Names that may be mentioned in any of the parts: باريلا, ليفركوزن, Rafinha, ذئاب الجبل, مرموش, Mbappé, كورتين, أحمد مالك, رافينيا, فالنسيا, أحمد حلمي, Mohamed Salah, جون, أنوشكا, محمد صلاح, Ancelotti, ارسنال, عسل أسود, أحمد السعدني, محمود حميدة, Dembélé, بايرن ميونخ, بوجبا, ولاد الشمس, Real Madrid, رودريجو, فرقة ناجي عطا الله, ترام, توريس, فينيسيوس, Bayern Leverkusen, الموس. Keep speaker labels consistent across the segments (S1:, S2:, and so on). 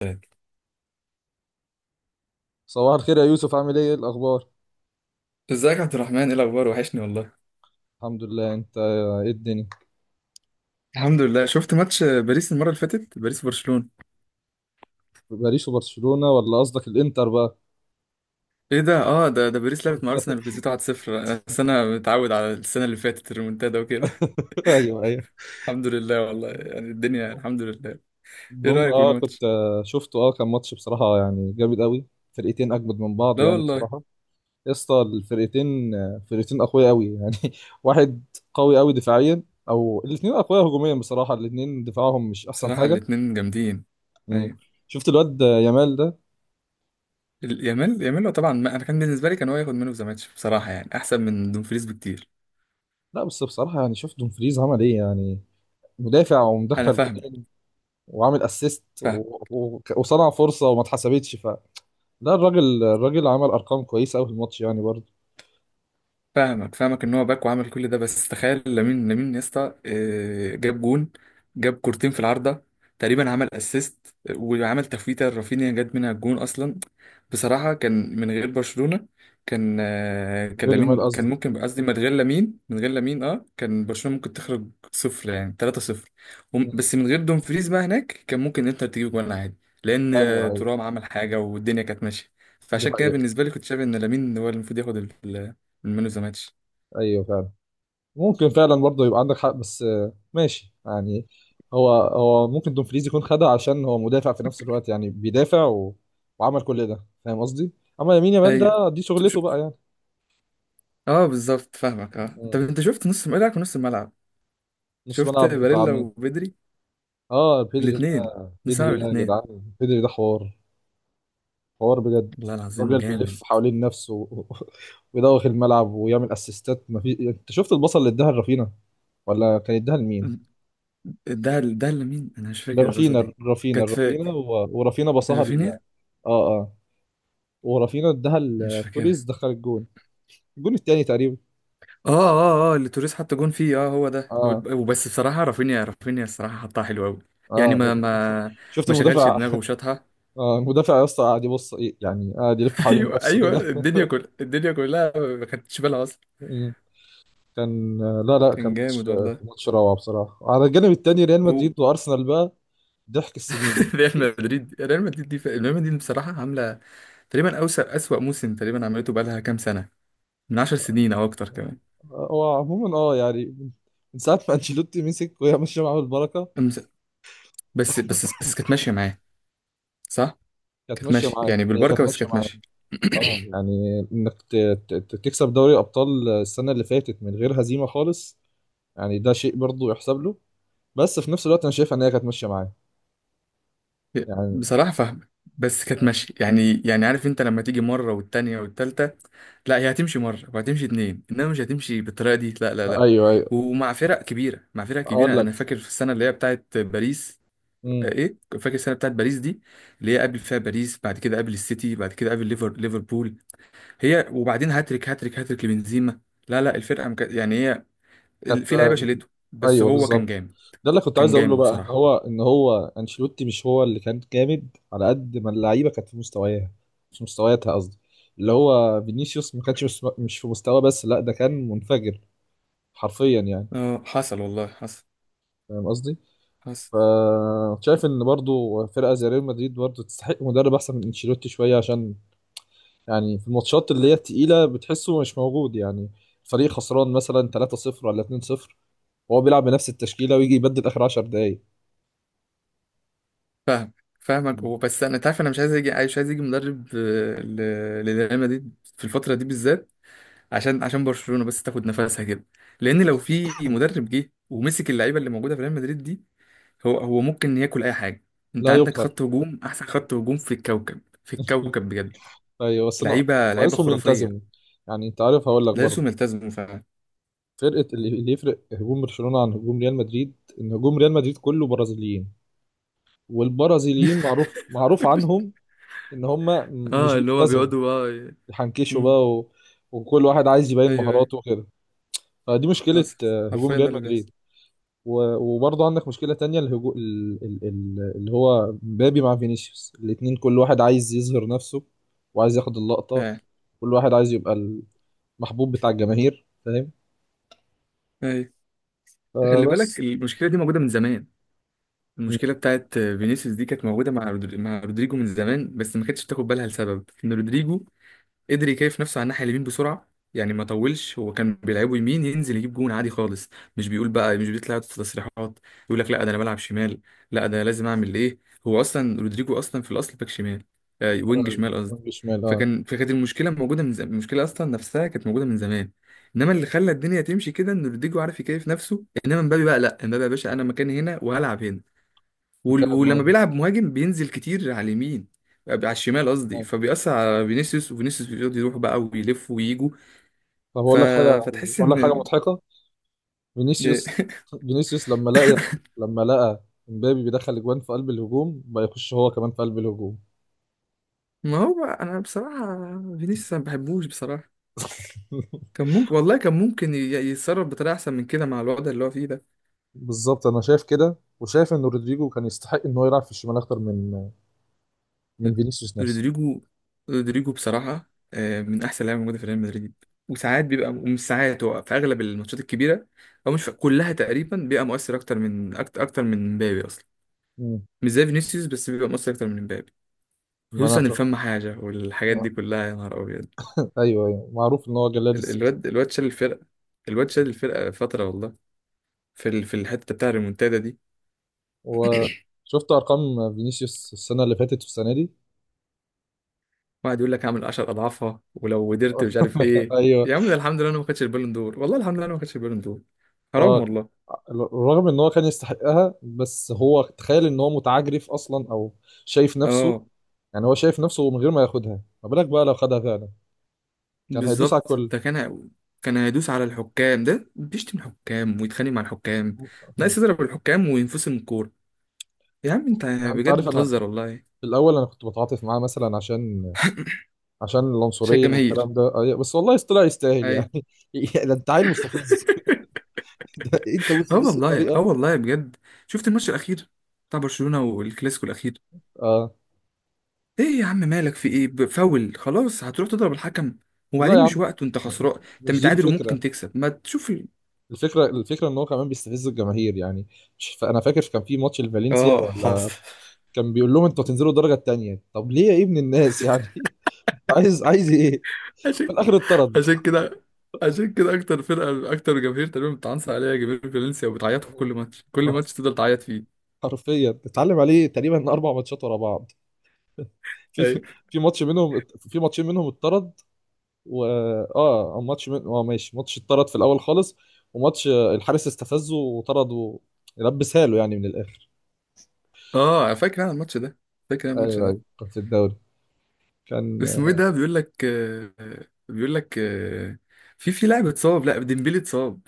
S1: تمام.
S2: صباح الخير يا يوسف، عامل ايه؟ إيه الاخبار؟
S1: ازيك يا عبد الرحمن؟ ايه الاخبار؟ وحشني والله.
S2: الحمد لله، انت ايه الدنيا؟
S1: الحمد لله. شفت ماتش باريس المرة اللي فاتت، باريس برشلونة؟
S2: باريس وبرشلونة، ولا قصدك الانتر بقى؟
S1: ايه ده؟ اه ده باريس لعبت مع ارسنال وكسبته 1-0. بس انا متعود على السنة اللي فاتت، الريمونتادا وكده.
S2: ايوه، ايوه.
S1: الحمد لله والله، يعني الدنيا الحمد لله. ايه
S2: المهم
S1: رأيك في
S2: كنت
S1: الماتش؟
S2: شفته كان ماتش بصراحة يعني جامد قوي. فرقتين اجمد من بعض،
S1: لا
S2: يعني
S1: والله.
S2: بصراحة. يا اسطى، الفرقتين آه، فرقتين اقوياء قوي يعني. واحد. قوي قوي دفاعيا، او الاثنين اقوياء هجوميا. بصراحة الاثنين دفاعهم مش احسن
S1: بصراحة
S2: حاجة.
S1: الاتنين جامدين.
S2: مم.
S1: ايوه.
S2: شفت الواد يامال ده؟
S1: يامال هو طبعا، ما انا كان بالنسبة لي كان هو ياخد منه في ماتش، بصراحة يعني احسن من دومفريز بكتير.
S2: لا بس بصراحة يعني، شفت دومفريز عمل ايه يعني؟ مدافع
S1: انا
S2: ومدخل،
S1: فاهمك.
S2: وعامل اسيست و...
S1: فاهم.
S2: و... وصنع فرصه، وما اتحسبتش لا، الراجل عمل ارقام كويسه قوي في الماتش يعني برضه.
S1: فاهمك فاهمك ان هو باك وعمل كل ده، بس تخيل لامين يا اسطى آه، جاب جون. جاب كورتين في العارضه، تقريبا عمل اسيست، وعمل تفويته رافينيا جت منها الجون اصلا. بصراحه كان من غير برشلونه، كان كان
S2: غير يامال
S1: لامين،
S2: قصدي.
S1: كان ممكن قصدي من غير لامين. اه كان برشلونه ممكن تخرج صفر، يعني 3 صفر.
S2: مم.
S1: بس من غير دومفريز بقى هناك كان ممكن انتر تجيب جون عادي. لان
S2: ايوه، ايوه.
S1: ترام عمل حاجه والدنيا كانت ماشيه،
S2: دي
S1: فعشان كده
S2: حقيقه.
S1: بالنسبه لي كنت شايف ان لامين هو اللي المفروض ياخد من مان اوف ذا ماتش.
S2: ايوه، فعلا. ممكن فعلا برضه يبقى عندك حق، بس ماشي يعني. هو ممكن دومفريز يكون خدها، عشان هو مدافع في نفس الوقت يعني بيدافع وعمل كل ده، فاهم قصدي. اما يمين يامال
S1: ايوه.
S2: ده دي
S1: ش-
S2: شغلته بقى يعني.
S1: اه بالظبط فاهمك. اه انت
S2: مم.
S1: انت شفت نص ملعب ونص الملعب.
S2: نص
S1: شفت
S2: ملعب بتاع
S1: باريلا
S2: مين؟
S1: وبدري،
S2: اه، بيدري ده.
S1: الاثنين، نص
S2: بيدري
S1: ملعب
S2: ده يا
S1: الاثنين.
S2: جدعان، بيدري ده حوار. حوار بجد.
S1: والله العظيم
S2: راجل
S1: جامد.
S2: بيلف حوالين نفسه ويدوخ الملعب ويعمل اسيستات. ما في، انت شفت البصل اللي اداها لرافينا، ولا كان اداها لمين؟
S1: ده اللي مين؟ انا مش فاكر الباصه
S2: لرافينا
S1: دي.
S2: رافينا
S1: كانت
S2: رافينا
S1: فاك،
S2: و... ورافينا بصها اه،
S1: رافينيا.
S2: اه. ورافينا اداها
S1: مش
S2: لتوريز،
S1: فاكرها.
S2: دخل الجون، الجون التاني تقريبا.
S1: اه اه اه، اللي توريس حط جون فيه، اه هو ده.
S2: اه،
S1: وبس بصراحه رافينيا. الصراحه حطها حلو قوي. يعني
S2: اه.
S1: ما
S2: شفت
S1: ما شغلش
S2: المدافع؟
S1: دماغه وشاطها.
S2: آه المدافع يا اسطى، قاعد يبص إيه، يعني قاعد يلف حوالين
S1: ايوه
S2: نفسه
S1: ايوه،
S2: كده.
S1: الدنيا كل الدنيا كلها ما خدتش بالها اصلا.
S2: مم. كان لا، لا،
S1: كان جامد والله.
S2: كان ماتش روعة بصراحة. على الجانب التاني ريال
S1: هو.
S2: مدريد وارسنال بقى، ضحك السنين.
S1: ريال مدريد. ريال مدريد دي ريال مدريد بصراحة عاملة تقريبا أوسع أسوأ موسم تقريبا عملته، بقالها كام سنة، من 10 سنين أو أكتر كمان.
S2: هو عموما يعني، من ساعة ما انشيلوتي مسك وهي ماشية معاه بالبركة.
S1: أمس- بس بس بس كانت ماشية معاه، صح؟
S2: كانت
S1: كانت
S2: ماشية
S1: ماشية
S2: معاه،
S1: يعني
S2: هي كانت
S1: بالبركة، بس
S2: ماشية
S1: كانت
S2: معاه.
S1: ماشية.
S2: اه يعني انك تكسب دوري ابطال السنة اللي فاتت من غير هزيمة خالص، يعني ده شيء برضه يحسب له. بس في نفس الوقت انا شايف ان هي كانت ماشية معاه، يعني.
S1: بصراحة فاهمة. بس كانت ماشية، يعني يعني عارف أنت، لما تيجي مرة والتانية والتالتة، لا هي هتمشي مرة وهتمشي اتنين، إنما مش هتمشي بالطريقة دي، لا لا لا.
S2: ايوه، ايوه.
S1: ومع فرق كبيرة.
S2: اقول لك.
S1: أنا فاكر في السنة اللي هي بتاعت باريس،
S2: امم
S1: ايه، فاكر السنه بتاعت باريس دي، اللي هي قبل فيها باريس بعد كده، قبل السيتي بعد كده، قبل ليفربول، هي وبعدين هاتريك هاتريك هاتريك لبنزيما. لا لا، الفرقه يعني هي
S2: كانت
S1: في لعيبه
S2: آه،
S1: شالته، بس
S2: ايوه،
S1: هو كان
S2: بالظبط.
S1: جامد.
S2: ده اللي كنت عايز
S1: كان
S2: اقوله
S1: جامد
S2: بقى، ان
S1: بصراحه.
S2: هو ان هو انشيلوتي مش هو اللي كان جامد على قد ما اللعيبه كانت في مستواها. مش مستوياتها قصدي. اللي هو فينيسيوس ما كانش مش في مستوى، بس لا ده كان منفجر حرفيا يعني.
S1: اه حصل والله، حصل
S2: فاهم قصدي؟
S1: حصل.
S2: ف شايف ان برضو فرقه زي ريال مدريد برضو تستحق مدرب احسن من انشيلوتي شويه، عشان يعني في الماتشات اللي هي التقيله بتحسه مش موجود يعني. فريق خسران مثلا 3-0 ولا 2-0، وهو بيلعب بنفس التشكيله ويجي يبدل اخر 10 دقائق.
S1: فاهم. فاهمك. هو بس انا تعرف، انا مش عايز يجي مدرب للريال مدريد في الفتره دي بالذات، عشان برشلونه بس تاخد نفسها كده. لان لو في مدرب جه ومسك اللعيبه اللي موجوده في ريال مدريد دي، هو ممكن ياكل اي حاجه. انت
S2: لا
S1: عندك
S2: يقهر.
S1: خط هجوم، احسن خط هجوم في الكوكب، في الكوكب بجد.
S2: ايوه بس انا،
S1: لعيبه، لعيبه
S2: ناقصهم يلتزموا.
S1: خرافيه.
S2: يعني انت عارف، هقول لك برضه.
S1: لازم يلتزموا فعلا.
S2: اللي يفرق هجوم برشلونه عن هجوم ريال مدريد، ان هجوم ريال مدريد كله برازيليين. والبرازيليين معروف معروف عنهم ان هم مش
S1: اه اللي هو
S2: بيلتزموا،
S1: بيقعدوا اه
S2: يحنكشوا
S1: امم،
S2: بقى و... وكل واحد عايز يبين
S1: ايوه ايوه،
S2: مهاراته وكده. فدي مشكله،
S1: حصل.
S2: هجوم
S1: حرفيا ده
S2: ريال
S1: اللي
S2: مدريد.
S1: بيحصل.
S2: و... وبرضه عندك مشكله تانية، الهجو... ال... ال... ال... اللي هو مبابي مع فينيسيوس، الاتنين كل واحد عايز يظهر نفسه وعايز ياخد اللقطه.
S1: فعلا.
S2: كل واحد عايز يبقى محبوب بتاع الجماهير، فاهم.
S1: ايوه. خلي بالك
S2: فبس.
S1: المشكله دي موجوده من زمان.
S2: مم.
S1: المشكله بتاعت فينيسيوس دي كانت موجوده مع مع رودريجو من زمان، بس ما كانتش بتاخد بالها لسبب ان رودريجو قدر يكيف نفسه على الناحية اليمين بسرعة، يعني ما طولش، هو كان بيلعبه يمين، ينزل يجيب جون عادي خالص. مش بيقول بقى، مش بيطلع يقعد في تصريحات، يقول لك لا ده انا بلعب شمال، لا ده لازم اعمل ايه. هو اصلا رودريجو اصلا في الاصل باك شمال، آه وينج شمال قصدي.
S2: وينج شمال، اه.
S1: فكانت المشكلة موجودة من زمان، المشكلة اصلا نفسها كانت موجودة من زمان. انما اللي خلى الدنيا تمشي كده ان رودريجو عارف يكيف نفسه، انما مبابي بقى لا، مبابي يا باشا انا مكاني هنا وهلعب هنا.
S2: فاهم
S1: ولما
S2: قصدك.
S1: بيلعب مهاجم بينزل كتير على اليمين، على الشمال قصدي،
S2: آه.
S1: فبيأثر على فينيسيوس، وفينيسيوس بيقعد يروح بقى ويلف ويجوا.
S2: طب
S1: ف...
S2: اقول لك حاجه،
S1: فتحس
S2: اقول لك حاجه
S1: ان.
S2: مضحكه. فينيسيوس فينيسيوس لما لقى امبابي بيدخل اجوان في قلب الهجوم، بقى يخش هو كمان في قلب الهجوم.
S1: ما هو بقى انا بصراحة، فينيسيوس أنا ما بحبوش بصراحة. كان ممكن والله كان ممكن يتصرف بطريقة احسن من كده مع الوضع اللي هو فيه ده.
S2: بالظبط، انا شايف كده وشايف ان رودريجو كان يستحق ان هو يلعب في الشمال اكتر من من فينيسيوس نفسه.
S1: رودريجو. بصراحة آه، من احسن لعيبة موجودة في ريال مدريد. وساعات بيبقى، ومش ساعات، هو في اغلب الماتشات الكبيرة او مش في كلها تقريبا بيبقى مؤثر اكتر من اكتر من مبابي اصلا.
S2: مم.
S1: مش زي فينيسيوس، بس بيبقى مؤثر اكتر من امبابي.
S2: ما
S1: خصوصا
S2: انا ف...
S1: الفم حاجه والحاجات دي
S2: آه.
S1: كلها، يا نهار ابيض.
S2: ايوه، ايوه، معروف ان هو جلاد السيتي.
S1: الواد شال الفرقه. الواد شال الفرقه فتره والله، في في الحته بتاع الريمونتادا دي.
S2: وشفت ارقام فينيسيوس السنه اللي فاتت والسنه دي.
S1: واحد يقول لك اعمل 10 اضعافها ولو قدرت مش عارف ايه.
S2: ايوه.
S1: يا عم ده الحمد لله انا ما خدتش البالون دور، والله الحمد لله انا ما خدتش البالون دور. حرام
S2: اه،
S1: والله.
S2: رغم ان هو كان يستحقها، بس هو تخيل ان هو متعجرف اصلا، او شايف نفسه.
S1: اه
S2: يعني هو شايف نفسه من غير ما ياخدها، ما بالك بقى لو خدها فعلا، كان هيدوس على
S1: بالظبط
S2: الكل.
S1: ده كان هيدوس على الحكام، ده بيشتم الحكام ويتخانق مع الحكام، ناقص يضرب الحكام وينفصل من الكوره. يا عم انت
S2: يعني انت
S1: بجد
S2: عارف، انا
S1: بتهزر والله.
S2: في الاول انا كنت بتعاطف معاه مثلا عشان، عشان
S1: شايف
S2: العنصريه
S1: الجماهير؟
S2: والكلام ده، بس والله طلع يستاهل يعني. ده انت عيل مستفز. ده انت
S1: اه
S2: مستفز
S1: والله، اه
S2: بطريقه.
S1: والله بجد. شفت الماتش الاخير، بتاع برشلونه، والكلاسيكو الاخير؟
S2: اه
S1: ايه يا عم، مالك في ايه؟ فاول خلاص هتروح تضرب الحكم،
S2: لا يا
S1: وبعدين مش
S2: عم،
S1: وقته، انت
S2: م- م-
S1: خسران، انت
S2: مش دي
S1: متعادل
S2: الفكره.
S1: وممكن تكسب، ما تشوف
S2: الفكره ان هو كمان بيستفز الجماهير يعني. مش انا فاكر كان في ماتش لفالنسيا
S1: اه
S2: ولا،
S1: حصل.
S2: كان بيقول لهم انتوا هتنزلوا الدرجه الثانيه. طب ليه يا ابن الناس يعني؟ انت عايز ايه؟ في
S1: عشان
S2: الاخر اتطرد.
S1: عشان كده عشان كده اكتر فرقه، اكتر جماهير تقريبا بتعنصر عليها، جماهير فالنسيا، وبتعيط في كل ماتش، كل ماتش تفضل تعيط فيه.
S2: حرفيا اتعلم عليه تقريبا 4 ماتشات ورا بعض. في
S1: ايوه.
S2: في ماتشين منهم اتطرد. و اه ماشي، ماتش اتطرد في الاول خالص. وماتش الحارس استفزه وطرده، لبسها له يعني من الاخر.
S1: اه فاكر انا الماتش ده. فاكر انا
S2: ايوه،
S1: الماتش ده
S2: ايوه، كان في الدوري. كان
S1: اسمه ايه
S2: آه،
S1: ده؟ بيقول لك بيقول لك آه، في لاعب اتصاب. لا ديمبلي اتصاب،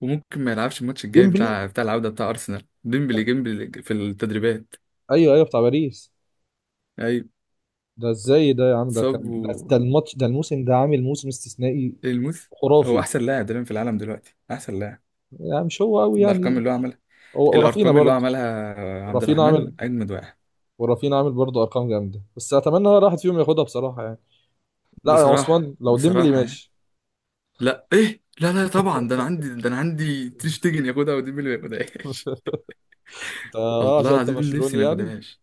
S1: وممكن ما يلعبش الماتش الجاي
S2: ديمبلي.
S1: بتاع بتاع العودة بتاع أرسنال. ديمبلي جيمبلي في التدريبات.
S2: ايوه، ايوه، بتاع باريس.
S1: أيوة.
S2: ده ازاي ده يا عم؟
S1: صاب
S2: ده ده الماتش، ده الموسم، ده عامل موسم استثنائي
S1: الموس هو
S2: خرافي.
S1: أحسن لاعب تقريبا في العالم دلوقتي، أحسن لاعب.
S2: يعني مش هو قوي
S1: الأرقام
S2: يعني؟
S1: اللي هو عملها.
S2: هو ورافينا
S1: الأرقام اللي هو
S2: برضه.
S1: عملها عبد
S2: رافينا
S1: الرحمن
S2: عامل
S1: أجمد واحد.
S2: ورافينا عامل برضه ارقام جامده، بس اتمنى ولا واحد فيهم ياخدها بصراحه يعني. لا يا
S1: بصراحة،
S2: عثمان، لو ديمبلي
S1: بصراحة يعني،
S2: ماشي.
S1: لا إيه لا لا طبعا، ده أنا عندي تشتجن ياخدها وديمبلي ما ياخدهاش.
S2: انت
S1: والله
S2: عشان انت
S1: العظيم نفسي
S2: برشلوني
S1: ما
S2: يعني؟
S1: ياخدهاش.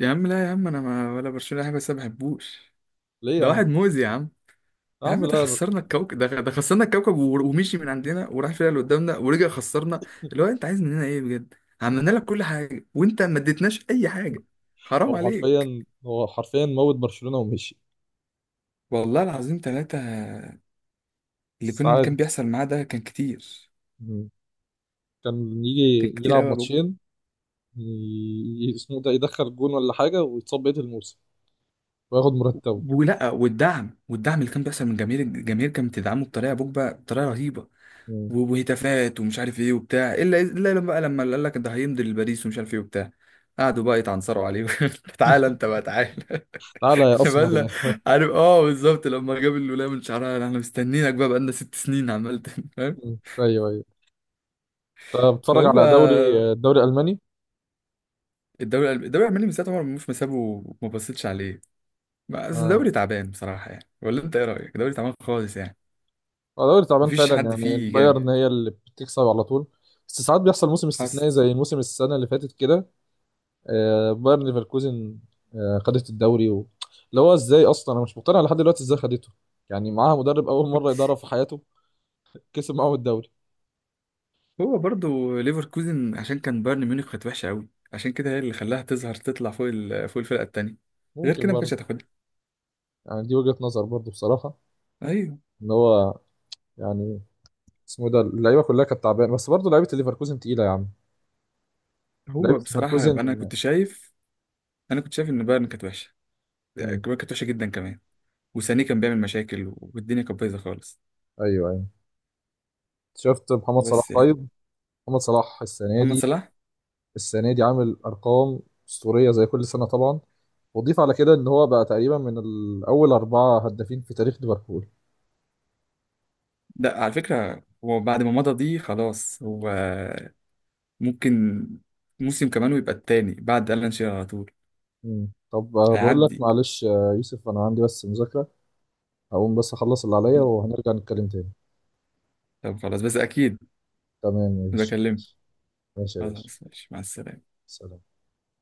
S1: يا عم لا يا عم، أنا ما ولا برشلونة حاجة، بس ما بحبوش.
S2: ليه يا
S1: ده
S2: عم؟
S1: واحد مؤذي يا عم.
S2: يا
S1: يا
S2: عم
S1: عم ده
S2: لا،
S1: خسرنا الكوكب، ده خسرنا الكوكب، ومشي من عندنا وراح فيها اللي قدامنا ورجع خسرنا. اللي هو انت عايز مننا ايه بجد؟ عملنا لك كل حاجه وانت ما اديتناش اي حاجه. حرام
S2: هو
S1: عليك.
S2: حرفيا هو حرفيا موت برشلونه ومشي.
S1: والله العظيم ثلاثة، اللي
S2: بس
S1: كان
S2: عادي.
S1: بيحصل معاه ده كان كتير
S2: مم. كان يجي
S1: كان كتير
S2: يلعب
S1: قوي يا بوجبا.
S2: ماتشين، اسمه ده، يدخل جون ولا حاجه ويتصاب بقيه الموسم وياخد مرتبه.
S1: ولا، والدعم اللي كان بيحصل من جماهير، الجماهير كانت بتدعمه بطريقه يا بوجبا، بطريقه رهيبه. وهتافات ومش عارف ايه وبتاع، الا الا لما بقى، لما قال لك ده هيمضي لباريس ومش عارف ايه وبتاع، قعدوا بقى يتعنصروا عليه. تعالى انت بقى، تعالى.
S2: تعالى يا اسمر
S1: بقالنا،
S2: يا
S1: عارف، اه بالظبط، لما جاب الولايه من شعرها احنا مستنيينك بقى، بقالنا 6 سنين عمال فاهم.
S2: ايوه، ايوه. طب بتتفرج
S1: فهو،
S2: على دوري، الدوري الالماني؟
S1: الدوري الالماني من ساعه عمر مرموش ما سابه وما بصيتش عليه. بس
S2: اه،
S1: الدوري تعبان بصراحه يعني، ولا انت ايه رايك؟ الدوري تعبان خالص يعني،
S2: هو دوري تعبان
S1: مفيش
S2: فعلا،
S1: حد
S2: يعني
S1: فيه جامد.
S2: البايرن هي اللي بتكسب على طول. بس ساعات بيحصل موسم
S1: حصل.
S2: استثنائي زي موسم السنه اللي فاتت كده. ليفركوزن، خدت الدوري اللي هو ازاي اصلا، انا مش مقتنع لحد دلوقتي ازاي خدته. يعني معاها مدرب اول مره يدرب في حياته، كسب معاهم الدوري.
S1: هو برضو ليفركوزن عشان كان بايرن ميونخ كانت وحشه قوي، عشان كده هي اللي خلاها تظهر، تطلع فوق فوق الفرقه التانيه، غير
S2: ممكن
S1: كده ما
S2: برضه،
S1: كانتش هتاخدها.
S2: يعني دي وجهه نظر برضه بصراحه.
S1: ايوه.
S2: ان هو، يعني، اسمه ده، اللعيبه كلها كانت تعبانه، بس برضه لعيبه ليفركوزن تقيله يا عم. لعيبه
S1: هو بصراحه، انا
S2: ليفركوزن.
S1: كنت شايف، ان بايرن كانت وحشه، يعني
S2: مم.
S1: كانت وحشه جدا كمان. وسانيه كان بيعمل مشاكل والدنيا كانت بايظه خالص.
S2: ايوه، ايوه. شفت محمد صلاح؟
S1: بس يعني.
S2: طيب، محمد صلاح السنه
S1: محمد
S2: دي،
S1: صلاح.
S2: السنه دي عامل ارقام اسطوريه زي كل سنه طبعا. وضيف على كده، ان هو بقى تقريبا من الاول 4 هدافين في تاريخ ليفربول.
S1: ده على فكره هو بعد ما مضى دي خلاص، هو ممكن موسم كمان ويبقى التاني بعد ألان شيرر على طول.
S2: مم. طب بقول لك،
S1: هيعدي.
S2: معلش يوسف، انا عندي بس مذاكره. هقوم بس اخلص اللي عليا، وهنرجع نتكلم تاني.
S1: طب خلاص، بس اكيد
S2: تمام يا باشا،
S1: بكلمك.
S2: ماشي. ماشي يا باشا.
S1: خلاص، ماشي، مع السلامه.
S2: سلام.